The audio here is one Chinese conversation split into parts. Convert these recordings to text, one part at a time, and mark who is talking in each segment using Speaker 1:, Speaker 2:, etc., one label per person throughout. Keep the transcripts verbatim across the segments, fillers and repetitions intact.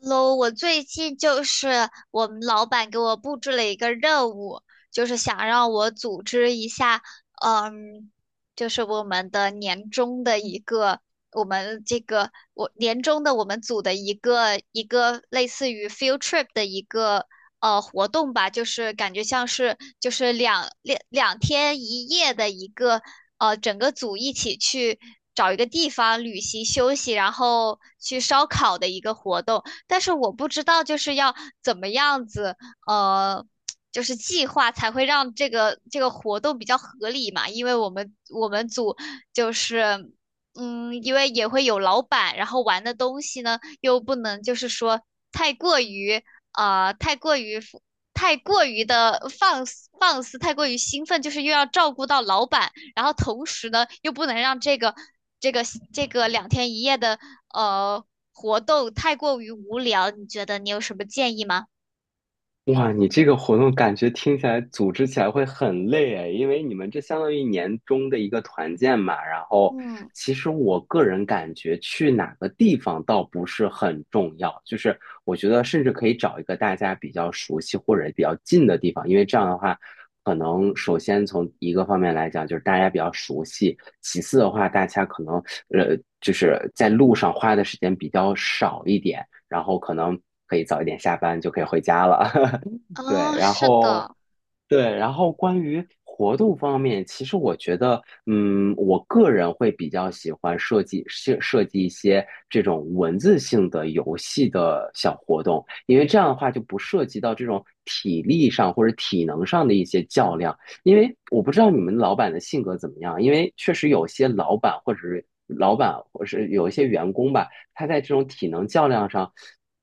Speaker 1: 喽，我最近就是我们老板给我布置了一个任务，就是想让我组织一下，嗯，就是我们的年终的一个，我们这个我年终的我们组的一个一个类似于 field trip 的一个呃活动吧，就是感觉像是就是两两两天一夜的一个呃整个组一起去找一个地方旅行休息，然后去烧烤的一个活动。但是我不知道就是要怎么样子，呃，就是计划才会让这个这个活动比较合理嘛，因为我们我们组就是。嗯，因为也会有老板，然后玩的东西呢，又不能就是说太过于呃太过于太过于的放肆放肆，太过于兴奋，就是又要照顾到老板，然后同时呢又不能让这个这个这个两天一夜的呃活动太过于无聊，你觉得你有什么建议吗？
Speaker 2: 哇，你这个活动感觉听起来组织起来会很累诶，因为你们这相当于年终的一个团建嘛。然后，
Speaker 1: 嗯，
Speaker 2: 其实我个人感觉去哪个地方倒不是很重要，就是我觉得甚至可以找一个大家比较熟悉或者比较近的地方，因为这样的话，可能首先从一个方面来讲，就是大家比较熟悉；其次的话，大家可能呃就是在路上花的时间比较少一点，然后可能可以早一点下班就可以回家了。对，
Speaker 1: 啊、
Speaker 2: 然
Speaker 1: 是
Speaker 2: 后
Speaker 1: 的。
Speaker 2: 对，然后关于活动方面，其实我觉得，嗯，我个人会比较喜欢设计设设计一些这种文字性的游戏的小活动，因为这样的话就不涉及到这种体力上或者体能上的一些较量。因为我不知道你们老板的性格怎么样，因为确实有些老板或者是老板或是有一些员工吧，他在这种体能较量上，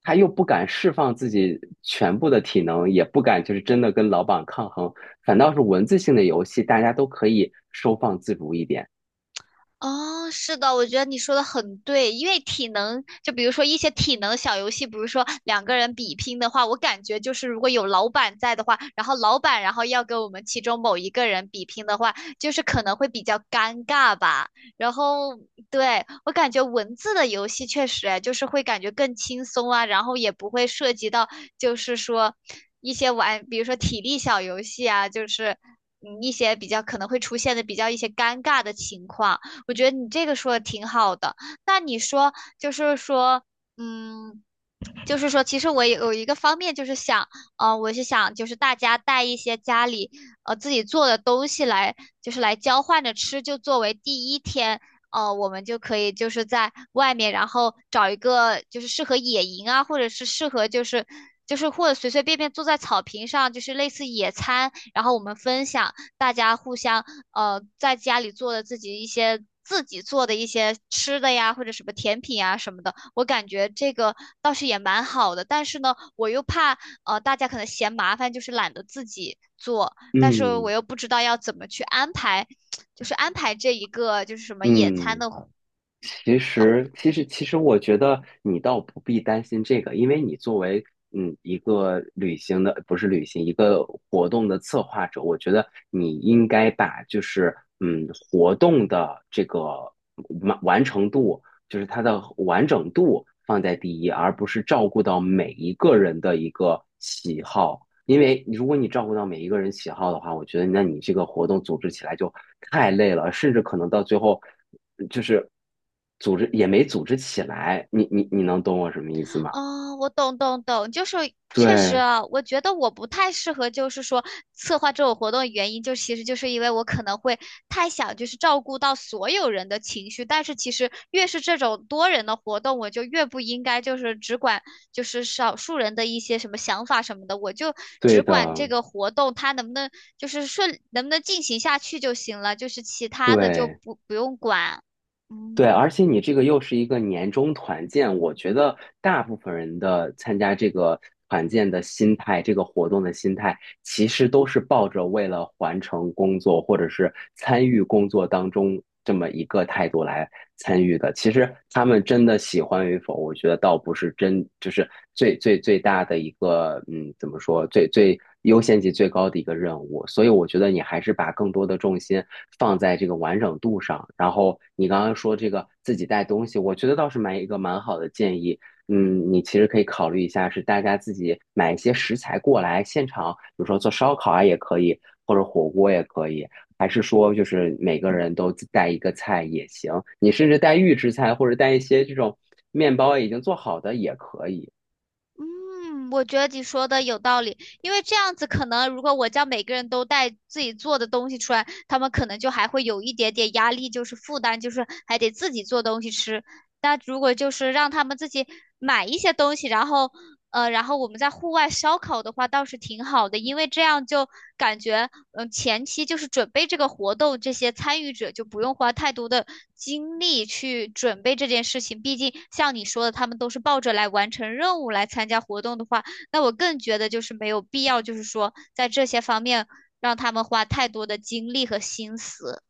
Speaker 2: 他又不敢释放自己全部的体能，也不敢就是真的跟老板抗衡，反倒是文字性的游戏，大家都可以收放自如一点。
Speaker 1: 哦，是的，我觉得你说的很对，因为体能，就比如说一些体能小游戏，比如说两个人比拼的话，我感觉就是如果有老板在的话，然后老板然后要跟我们其中某一个人比拼的话，就是可能会比较尴尬吧。然后，对，我感觉文字的游戏确实，哎就是会感觉更轻松啊，然后也不会涉及到就是说一些玩，比如说体力小游戏啊，就是嗯一些比较可能会出现的比较一些尴尬的情况。我觉得你这个说的挺好的。那你说，就是说，嗯，就是说，其实我也有一个方面就是想，呃，我是想就是大家带一些家里呃自己做的东西来，就是来交换着吃，就作为第一天，呃，我们就可以就是在外面，然后找一个就是适合野营啊，或者是适合就是。就是或者随随便便坐在草坪上，就是类似野餐，然后我们分享。大家互相呃在家里做的自己一些自己做的一些吃的呀，或者什么甜品呀什么的，我感觉这个倒是也蛮好的。但是呢，我又怕呃大家可能嫌麻烦，就是懒得自己做，但是我
Speaker 2: 嗯
Speaker 1: 又不知道要怎么去安排，就是安排这一个就是什么野餐
Speaker 2: 嗯。
Speaker 1: 的活
Speaker 2: 其
Speaker 1: 小活
Speaker 2: 实，其实，其实，我觉得你倒不必担心这个，因为你作为嗯一个旅行的，不是旅行，一个活动的策划者，我觉得你应该把就是嗯活动的这个完完成度，就是它的完整度放在第一，而不是照顾到每一个人的一个喜好，因为如果你照顾到每一个人喜好的话，我觉得那你这个活动组织起来就太累了，甚至可能到最后就是组织也没组织起来。你你你能懂我什么意思吗？
Speaker 1: 哦，我懂懂懂，就是确实
Speaker 2: 对，
Speaker 1: 啊，我觉得我不太适合，就是说策划这种活动的原因，就其实就是因为我可能会太想就是照顾到所有人的情绪，但是其实越是这种多人的活动，我就越不应该就是只管就是少数人的一些什么想法什么的，我就只
Speaker 2: 对
Speaker 1: 管
Speaker 2: 的，
Speaker 1: 这个活动它能不能就是顺能不能进行下去就行了，就是其他的就
Speaker 2: 对
Speaker 1: 不不用管。
Speaker 2: 对，
Speaker 1: 嗯，
Speaker 2: 而且你这个又是一个年终团建，我觉得大部分人的参加这个团建的心态，这个活动的心态其实都是抱着为了完成工作或者是参与工作当中这么一个态度来参与的。其实他们真的喜欢与否，我觉得倒不是真，就是最最最大的一个，嗯，怎么说，最最优先级最高的一个任务。所以我觉得你还是把更多的重心放在这个完整度上。然后你刚刚说这个自己带东西，我觉得倒是蛮一个蛮好的建议。嗯，你其实可以考虑一下，是大家自己买一些食材过来，现场，比如说做烧烤啊也可以，或者火锅也可以，还是说就是每个人都自带一个菜也行，你甚至带预制菜或者带一些这种面包啊已经做好的也可以。
Speaker 1: 嗯，我觉得你说的有道理，因为这样子可能，如果我叫每个人都带自己做的东西出来，他们可能就还会有一点点压力，就是负担，就是还得自己做东西吃。但如果就是让他们自己买一些东西，然后呃，然后我们在户外烧烤的话倒是挺好的，因为这样就感觉，嗯、前期就是准备这个活动，这些参与者就不用花太多的精力去准备这件事情。毕竟像你说的，他们都是抱着来完成任务来参加活动的话，那我更觉得就是没有必要，就是说在这些方面让他们花太多的精力和心思。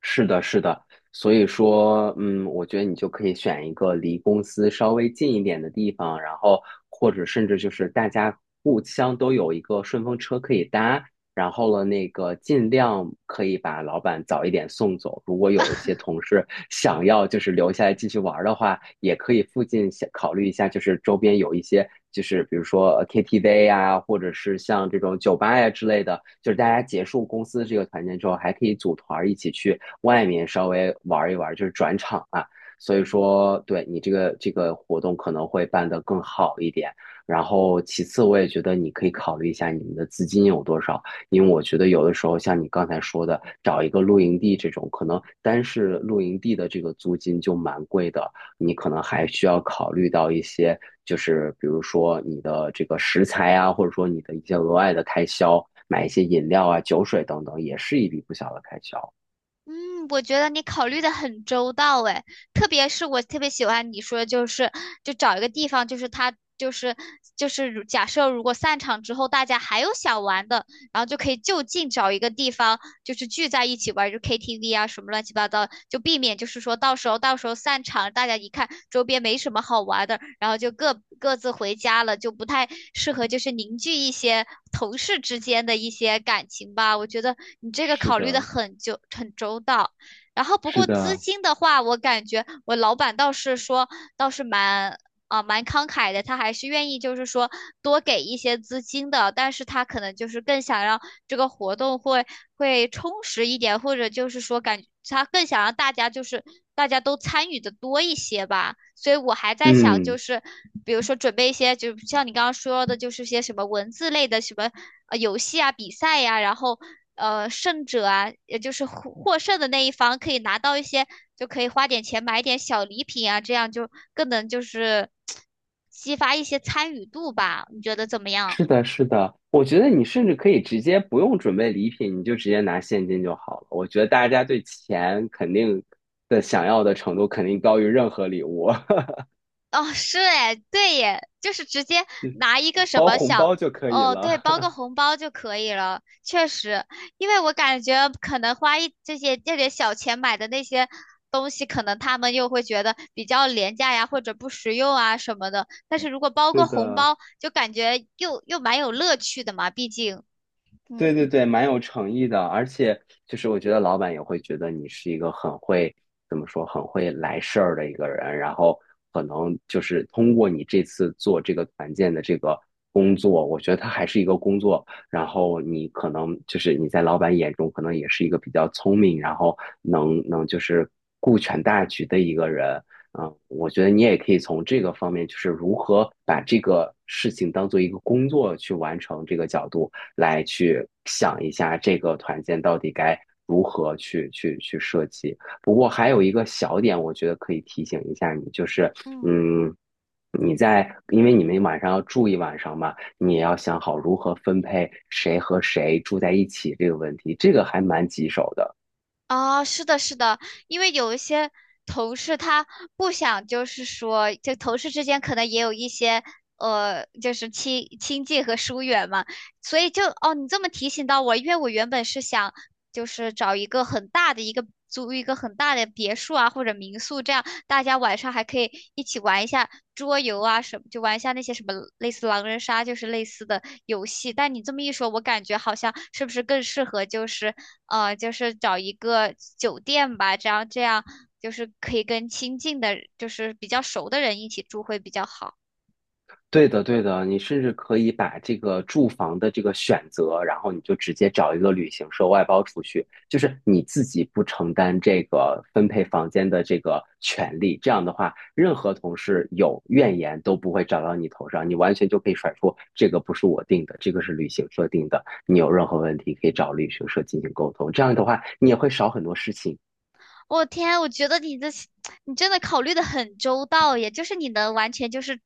Speaker 2: 是的，是的，所以说，嗯，我觉得你就可以选一个离公司稍微近一点的地方，然后或者甚至就是大家互相都有一个顺风车可以搭，然后了，那个尽量可以把老板早一点送走。如果有一些同事想要就是留下来继续玩儿的话，也可以附近想考虑一下，就是周边有一些就是比如说呃 K T V 呀、或者是像这种酒吧呀之类的，就是大家结束公司这个团建之后，还可以组团儿一起去外面稍微玩儿一玩儿，就是转场啊。所以说，对你这个这个活动可能会办得更好一点。然后，其次我也觉得你可以考虑一下你们的资金有多少。因为我觉得有的时候像你刚才说的，找一个露营地这种，可能单是露营地的这个租金就蛮贵的，你可能还需要考虑到一些，就是比如说你的这个食材啊，或者说你的一些额外的开销，买一些饮料啊、酒水等等，也是一笔不小的开销。
Speaker 1: 嗯，我觉得你考虑的很周到诶，特别是我特别喜欢你说的就是，就找一个地方，就是他就是就是如假设如果散场之后大家还有想玩的，然后就可以就近找一个地方，就是聚在一起玩，就 K T V 啊什么乱七八糟，就避免就是说到时候到时候散场，大家一看周边没什么好玩的，然后就各各自回家了，就不太适合就是凝聚一些同事之间的一些感情吧。我觉得你这个
Speaker 2: 是
Speaker 1: 考虑的
Speaker 2: 的，
Speaker 1: 很就很周到。然后不
Speaker 2: 是
Speaker 1: 过资
Speaker 2: 的，
Speaker 1: 金的话，我感觉我老板倒是说倒是蛮啊、蛮慷慨的，他还是愿意就是说多给一些资金的，但是他可能就是更想让这个活动会会充实一点，或者就是说感他更想让大家就是大家都参与的多一些吧。所以我还在想，就
Speaker 2: 嗯。
Speaker 1: 是比如说准备一些，就像你刚刚说的，就是些什么文字类的什么呃游戏啊、比赛呀、然后呃胜者啊，也就是获获胜的那一方可以拿到一些，就可以花点钱买点小礼品啊，这样就更能就是 激发一些参与度吧。你觉得怎么样？
Speaker 2: 是的，是的，我觉得你甚至可以直接不用准备礼品，你就直接拿现金就好了。我觉得大家对钱肯定的想要的程度肯定高于任何礼物，
Speaker 1: 哦，是哎，对耶，就是直接拿一个什
Speaker 2: 包
Speaker 1: 么
Speaker 2: 红
Speaker 1: 小，
Speaker 2: 包就可以
Speaker 1: 哦，对，
Speaker 2: 了。
Speaker 1: 包个 红包就可以了。确实，因为我感觉可能花一这些这点小钱买的那些东西，可能他们又会觉得比较廉价呀，或者不实用啊什么的。但是如果包
Speaker 2: 对
Speaker 1: 个红
Speaker 2: 的。
Speaker 1: 包，就感觉又又蛮有乐趣的嘛，毕竟，
Speaker 2: 对
Speaker 1: 嗯
Speaker 2: 对对，蛮有诚意的，而且就是我觉得老板也会觉得你是一个很会，怎么说，很会来事儿的一个人，然后可能就是通过你这次做这个团建的这个工作，我觉得它还是一个工作，然后你可能就是你在老板眼中可能也是一个比较聪明，然后能能就是顾全大局的一个人。嗯，我觉得你也可以从这个方面，就是如何把这个事情当做一个工作去完成这个角度，来去想一下这个团建到底该如何去去去设计。不过还有一个小点，我觉得可以提醒一下你，就是
Speaker 1: 嗯。
Speaker 2: 嗯。你在，因为你们晚上要住一晚上嘛，你也要想好如何分配谁和谁住在一起这个问题，这个还蛮棘手的。
Speaker 1: 啊，是的，是的，因为有一些同事他不想，就是说，就同事之间可能也有一些呃，就是亲亲近和疏远嘛。所以就哦，你这么提醒到我，因为我原本是想就是找一个很大的一个租一个很大的别墅啊，或者民宿，这样大家晚上还可以一起玩一下桌游啊什么，就玩一下那些什么类似狼人杀，就是类似的游戏。但你这么一说，我感觉好像是不是更适合就是呃，就是找一个酒店吧，这样这样就是可以跟亲近的，就是比较熟的人一起住会比较好。
Speaker 2: 对的，对的，你甚至可以把这个住房的这个选择，然后你就直接找一个旅行社外包出去，就是你自己不承担这个分配房间的这个权利。这样的话，任何同事有怨言都不会找到你头上，你完全就可以甩出这个不是我定的，这个是旅行社定的。你有任何问题可以找旅行社进行沟通，这样的话你也会少很多事情。
Speaker 1: 我天，我觉得你的你真的考虑的很周到耶，就是你能完全就是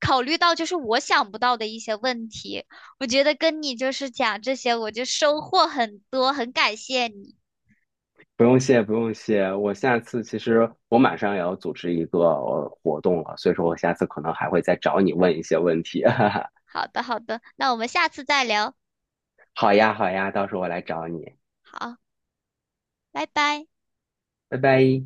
Speaker 1: 考虑到就是我想不到的一些问题。我觉得跟你就是讲这些，我就收获很多，很感谢你。
Speaker 2: 不用谢，不用谢。我下次其实我马上也要组织一个呃活动了，所以说我下次可能还会再找你问一些问题。
Speaker 1: 好的，好的，那我们下次再聊。
Speaker 2: 好呀，好呀，到时候我来找你，
Speaker 1: 好，拜拜。
Speaker 2: 拜拜。